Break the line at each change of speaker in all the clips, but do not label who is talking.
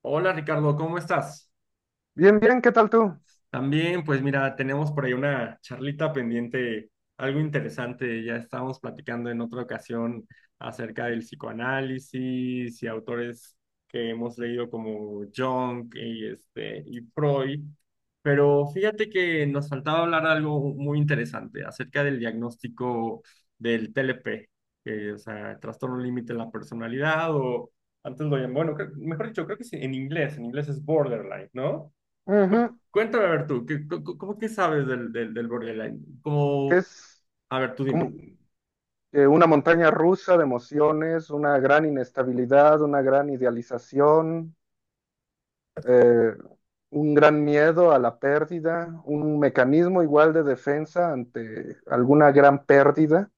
Hola Ricardo, ¿cómo estás?
Bien, bien, ¿qué tal tú?
También, pues mira, tenemos por ahí una charlita pendiente, algo interesante. Ya estábamos platicando en otra ocasión acerca del psicoanálisis y autores que hemos leído como Jung y Freud. Pero fíjate que nos faltaba hablar de algo muy interesante acerca del diagnóstico del TLP, que, o sea, trastorno límite de la personalidad, o antes lo llaman, bueno, mejor dicho, creo que sí, en inglés es borderline, ¿no?
Ujú,
Cu- Cuéntame, a ver tú, ¿cómo que sabes del borderline?
que
Como,
Es
a ver, tú
como
dime.
una montaña rusa de emociones, una gran inestabilidad, una gran idealización, eh, un gran miedo a la pérdida, un mecanismo igual de defensa ante alguna gran pérdida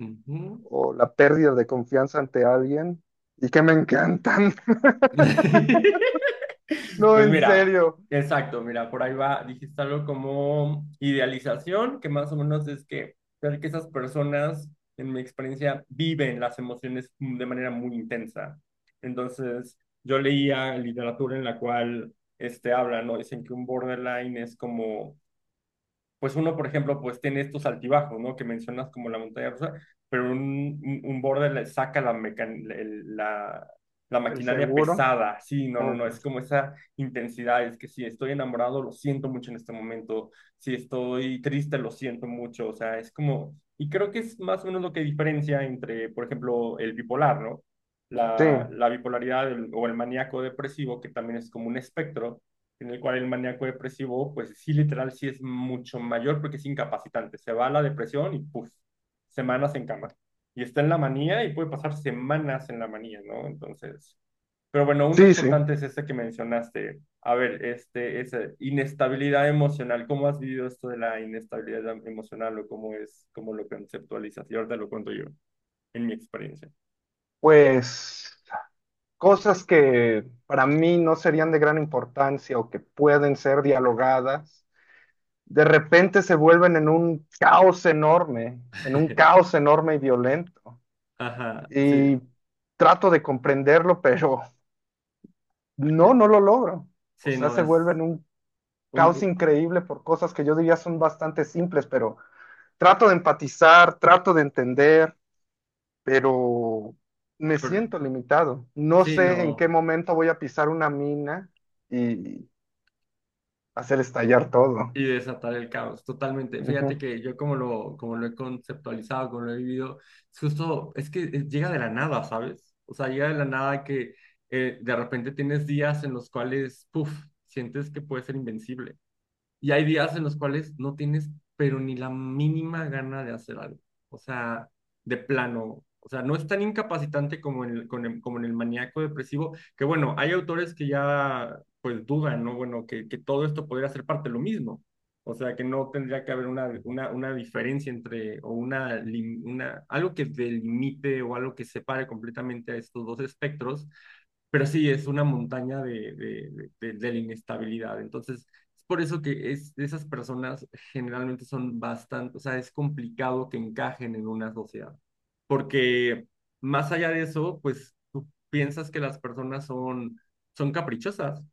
Ujú.
o la pérdida de confianza ante alguien. Y que me encantan. No,
Pues
en
mira,
serio.
exacto, mira, por ahí va, dijiste algo como idealización, que más o menos es que, ver que esas personas, en mi experiencia, viven las emociones de manera muy intensa. Entonces, yo leía literatura en la cual hablan, ¿no? Dicen que un borderline es como, pues uno, por ejemplo, pues tiene estos altibajos, ¿no?, que mencionas como la montaña rusa, pero un border le saca la, mecan- el- la
El
maquinaria
seguro.
pesada. Sí, no, no,
Oh,
no, es
pues,
como esa intensidad, es que si estoy enamorado, lo siento mucho en este momento, si estoy triste, lo siento mucho, o sea, es como, y creo que es más o menos lo que diferencia entre, por ejemplo, el bipolar, ¿no?
sí,
La bipolaridad, o el maníaco depresivo, que también es como un espectro, en el cual el maníaco depresivo, pues sí, literal, sí es mucho mayor porque es incapacitante. Se va a la depresión y puff, semanas en cama. Y está en la manía y puede pasar semanas en la manía, ¿no? Entonces, pero bueno, uno
sí, sí.
importante es este que mencionaste. A ver, esa inestabilidad emocional. ¿Cómo has vivido esto de la inestabilidad emocional, o cómo es, cómo lo conceptualizas? Y ahora te lo cuento yo, en mi experiencia.
Pues cosas que para mí no serían de gran importancia o que pueden ser dialogadas, de repente se vuelven en un caos enorme, en un caos enorme y violento.
Ajá, sí,
Y trato de comprenderlo, pero no,
eh,
no lo logro. O
sí,
sea,
no,
se vuelve
es
en un
un,
caos
un-
increíble por cosas que yo diría son bastante simples, pero trato de empatizar, trato de entender, pero me
pero-
siento limitado. No
sí,
sé en qué
no.
momento voy a pisar una mina y hacer estallar todo.
Y desatar el caos, totalmente.
Ujú.
Fíjate que yo como lo he conceptualizado, como lo he vivido, es justo, es que llega de la nada, ¿sabes? O sea, llega de la nada que de repente tienes días en los cuales, puff, sientes que puedes ser invencible. Y hay días en los cuales no tienes, pero ni la mínima gana de hacer algo. O sea, de plano. O sea, no es tan incapacitante como en el, con el- como en el maníaco depresivo, que bueno, hay autores que ya pues dudan, ¿no? Bueno, que todo esto podría ser parte de lo mismo. O sea, que no tendría que haber una, una diferencia entre, o una, una, algo que delimite o algo que separe completamente a estos dos espectros, pero sí es una montaña de la inestabilidad. Entonces, es por eso que es, esas personas generalmente son bastante, o sea, es complicado que encajen en una sociedad, porque más allá de eso, pues tú piensas que las personas son, caprichosas,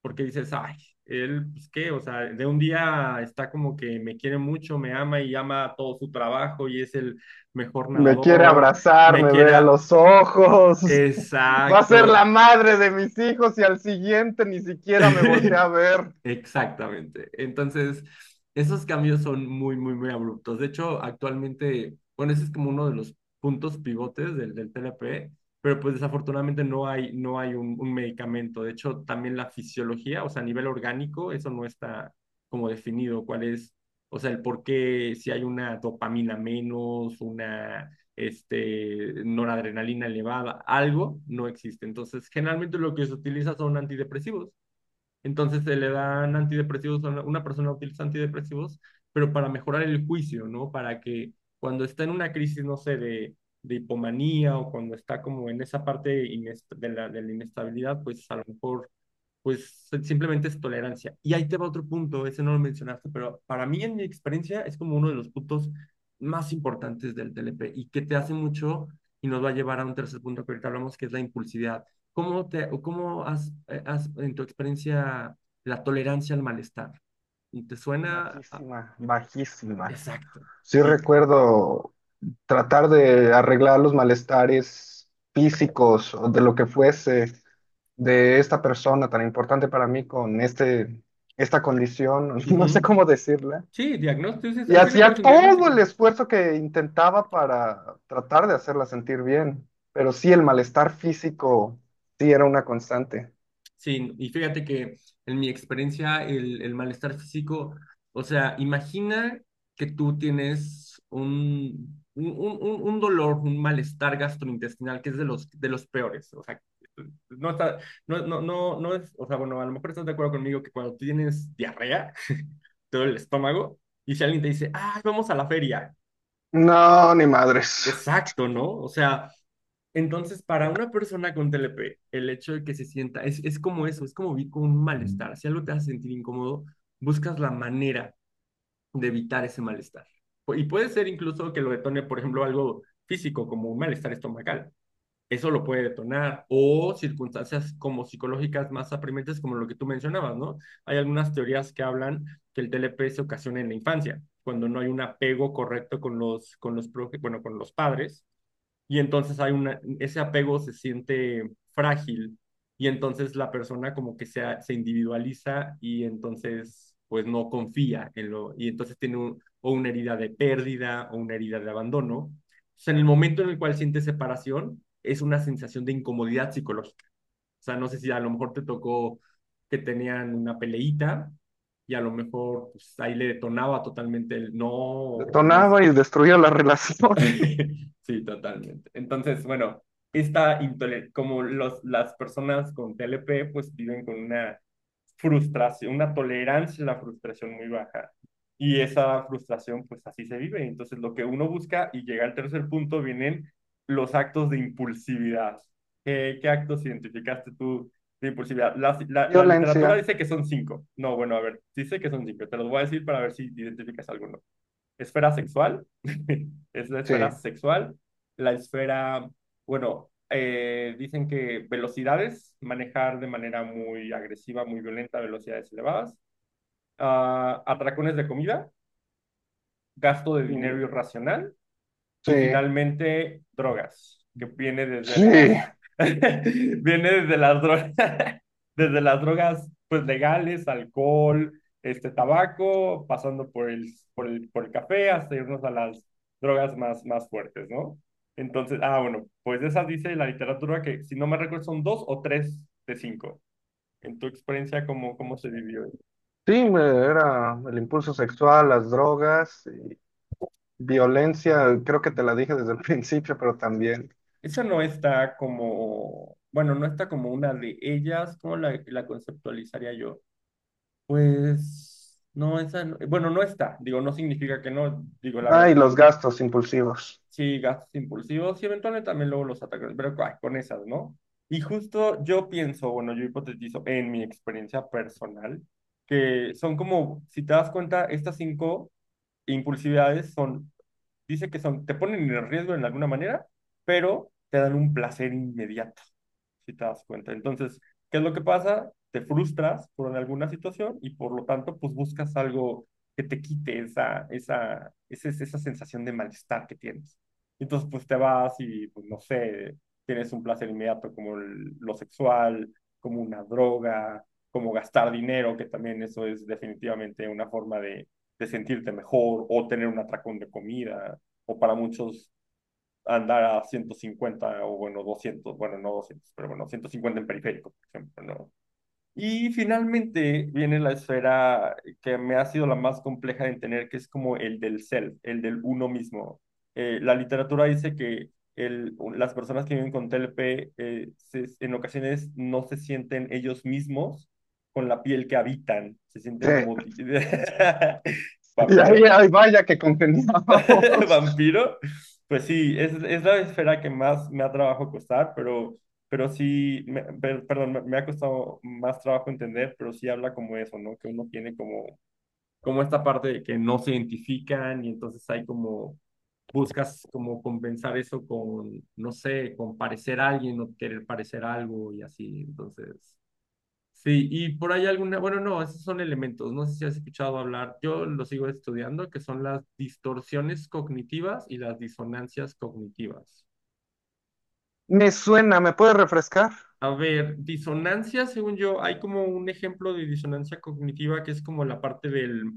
porque dices, ay, él, pues qué, o sea, de un día está como que me quiere mucho, me ama y ama todo su trabajo y es el mejor
Me quiere
nadador,
abrazar,
me
me ve a
quiera,
los ojos. Va a ser la
exacto.
madre de mis hijos y al siguiente ni siquiera me voltea a ver.
Exactamente. Entonces, esos cambios son muy, muy, muy abruptos. De hecho, actualmente, bueno, ese es como uno de los puntos pivotes del TLP, pero pues desafortunadamente no hay un medicamento. De hecho, también la fisiología, o sea, a nivel orgánico, eso no está como definido cuál es, o sea, el por qué, si hay una dopamina menos, una noradrenalina elevada, algo no existe. Entonces, generalmente lo que se utiliza son antidepresivos. Entonces se le dan antidepresivos, a una persona utiliza antidepresivos, pero para mejorar el juicio, ¿no? Para que cuando está en una crisis, no sé, de hipomanía, o cuando está como en esa parte de la inestabilidad, pues a lo mejor pues si, simplemente es tolerancia. Y ahí te va otro punto, ese no lo mencionaste, pero para mí en mi experiencia es como uno de los puntos más importantes del TLP y que te hace mucho y nos va a llevar a un tercer punto que ahorita hablamos, que es la impulsividad. ¿Cómo, te, o cómo has, has en tu experiencia la tolerancia al malestar? ¿Te suena?
Bajísima, bajísima.
Exacto.
Sí,
Y,
recuerdo tratar de arreglar los malestares físicos o de lo que fuese de esta persona tan importante para mí con esta condición, no sé
ujú.
cómo decirla.
Sí, diagnóstico,
Y
al fin y al cabo
hacía
es un
todo el
diagnóstico.
esfuerzo que intentaba para tratar de hacerla sentir bien, pero sí, el malestar físico sí era una constante.
Sí, y fíjate que en mi experiencia el malestar físico, o sea, imagina que tú tienes un dolor, un malestar gastrointestinal que es de los peores, o sea, no está, no, no, no, no es, o sea, bueno, a lo mejor estás de acuerdo conmigo que cuando tienes diarrea, te duele el estómago, y si alguien te dice, ay, vamos a la feria,
No, ni madres.
exacto, ¿no? O sea, entonces, para una persona con TLP, el hecho de que se sienta, es como eso, es como vivir con un malestar. Si algo te hace sentir incómodo, buscas la manera de evitar ese malestar. Y puede ser incluso que lo detone, por ejemplo, algo físico, como un malestar estomacal. Eso lo puede detonar. O circunstancias como psicológicas más apremiantes, como lo que tú mencionabas, ¿no? Hay algunas teorías que hablan que el TLP se ocasiona en la infancia, cuando no hay un apego correcto con los, bueno, con los padres, y entonces hay una, ese apego se siente frágil y entonces la persona como que se individualiza, y entonces pues no confía en lo, y entonces tiene o una herida de pérdida, o una herida de abandono. O en el momento en el cual siente separación, es una sensación de incomodidad psicológica. O sea, no sé si a lo mejor te tocó que tenían una peleíta y a lo mejor pues, ahí le detonaba totalmente el no o no.
Detonaba y destruía la relación.
Sí, totalmente. Entonces, bueno, como las personas con TLP, pues viven con una frustración, una tolerancia a la frustración muy baja. Y esa frustración, pues así se vive. Entonces, lo que uno busca y llega al tercer punto, vienen los actos de impulsividad. ¿Qué actos identificaste tú de impulsividad? La literatura
Violencia,
dice que son cinco. No, bueno, a ver, dice que son cinco. Te los voy a decir para ver si identificas alguno. Esfera sexual, es la esfera
sí,
sexual, la esfera, bueno, dicen que velocidades, manejar de manera muy agresiva, muy violenta, velocidades elevadas, ah, atracones de comida, gasto de dinero
mm,
irracional, y
sí,
finalmente, drogas, que viene desde
sí.
las, viene desde las drogas, desde las drogas pues legales, alcohol, tabaco, pasando por el café, hasta irnos a las drogas más, más fuertes, ¿no? Entonces, ah, bueno, pues esas dice la literatura que, si no me recuerdo, son dos o tres de cinco. En tu experiencia, ¿cómo se vivió?
Sí, me- era el impulso sexual, las drogas, y violencia, creo que te la dije desde el principio, pero también.
Esa no está como, bueno, no está como una de ellas. ¿Cómo la conceptualizaría yo? Pues no, esa, bueno, no está, digo, no significa que no, digo, la verdad es
Ay, los
que
gastos impulsivos.
sí, gastos impulsivos y eventualmente también luego los ataques, pero ay, con esas, ¿no? Y justo yo pienso, bueno, yo hipotetizo en mi experiencia personal, que son como, si te das cuenta, estas cinco impulsividades son. Dice que son, te ponen en riesgo en alguna manera, pero te dan un placer inmediato, si te das cuenta. Entonces, ¿qué es lo que pasa? Te frustras por alguna situación y por lo tanto, pues buscas algo que te quite esa, esa sensación de malestar que tienes. Entonces, pues te vas y, pues no sé, tienes un placer inmediato como lo sexual, como una droga, como gastar dinero, que también eso es definitivamente una forma de sentirte mejor, o tener un atracón de comida, o para muchos andar a 150, o bueno, 200, bueno, no 200, pero bueno, 150 en periférico, por ejemplo, ¿no? Y finalmente viene la esfera que me ha sido la más compleja de entender, que es como el del self, el del uno mismo. La literatura dice que las personas que viven con TLP en ocasiones no se sienten ellos mismos con la piel que habitan, se sienten
Sí.
como
Y ahí,
vampiro.
ay, vaya que congeniábamos.
Vampiro, pues sí, es la esfera que más me ha trabajo costar, pero, sí, perdón, me ha costado más trabajo entender, pero sí habla como eso, ¿no? Que uno tiene como, como esta parte de que no se identifican y entonces hay como, buscas como compensar eso con, no sé, con parecer a alguien o querer parecer algo y así, entonces... Sí, y por ahí alguna, bueno, no, esos son elementos, no sé si has escuchado hablar, yo lo sigo estudiando, que son las distorsiones cognitivas y las disonancias cognitivas.
Me suena, ¿me puede refrescar?
A ver, disonancia, según yo, hay como un ejemplo de disonancia cognitiva que es como la parte del,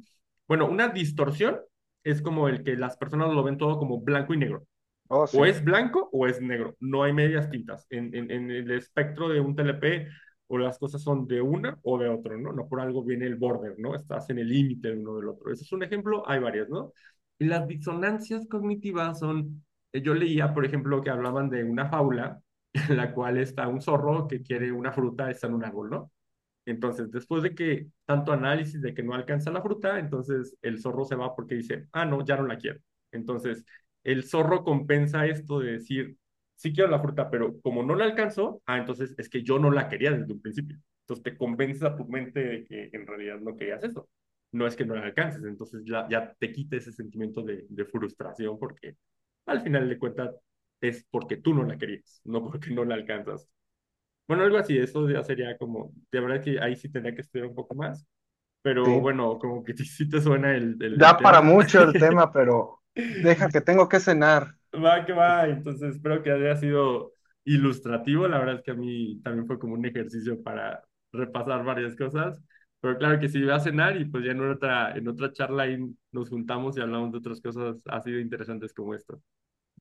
bueno, una distorsión es como el que las personas lo ven todo como blanco y negro.
Oh,
O
sí,
es blanco o es negro. No hay medias tintas. En el espectro de un TLP, o las cosas son de una o de otro, ¿no? No por algo viene el border, ¿no? Estás en el límite de uno del otro. Ese es un ejemplo, hay varias, ¿no? Y las disonancias cognitivas son, yo leía, por ejemplo, que hablaban de una fábula en la cual está un zorro que quiere una fruta, está en un árbol, ¿no? Entonces, después de que tanto análisis de que no alcanza la fruta, entonces el zorro se va porque dice, ah, no, ya no la quiero. Entonces, el zorro compensa esto de decir, sí quiero la fruta, pero como no la alcanzó, ah, entonces es que yo no la quería desde un principio. Entonces, te convences a tu mente de que en realidad no querías eso. No es que no la alcances, entonces ya te quita ese sentimiento de frustración, porque al final de cuentas es porque tú no la querías, no porque no la alcanzas. Bueno, algo así, eso ya sería como, de verdad que ahí sí tendría que estudiar un poco más, pero
sí.
bueno, como que sí te suena el
Da para
tema.
mucho el tema, pero deja que tengo que cenar.
Va, que va, entonces espero que haya sido ilustrativo, la verdad es que a mí también fue como un ejercicio para repasar varias cosas, pero claro que sí, voy a cenar y pues ya en otra charla ahí nos juntamos y hablamos de otras cosas así de interesantes como esto.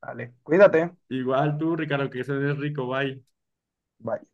Vale, cuídate.
Igual tú, Ricardo, que se rico, bye.
Bye.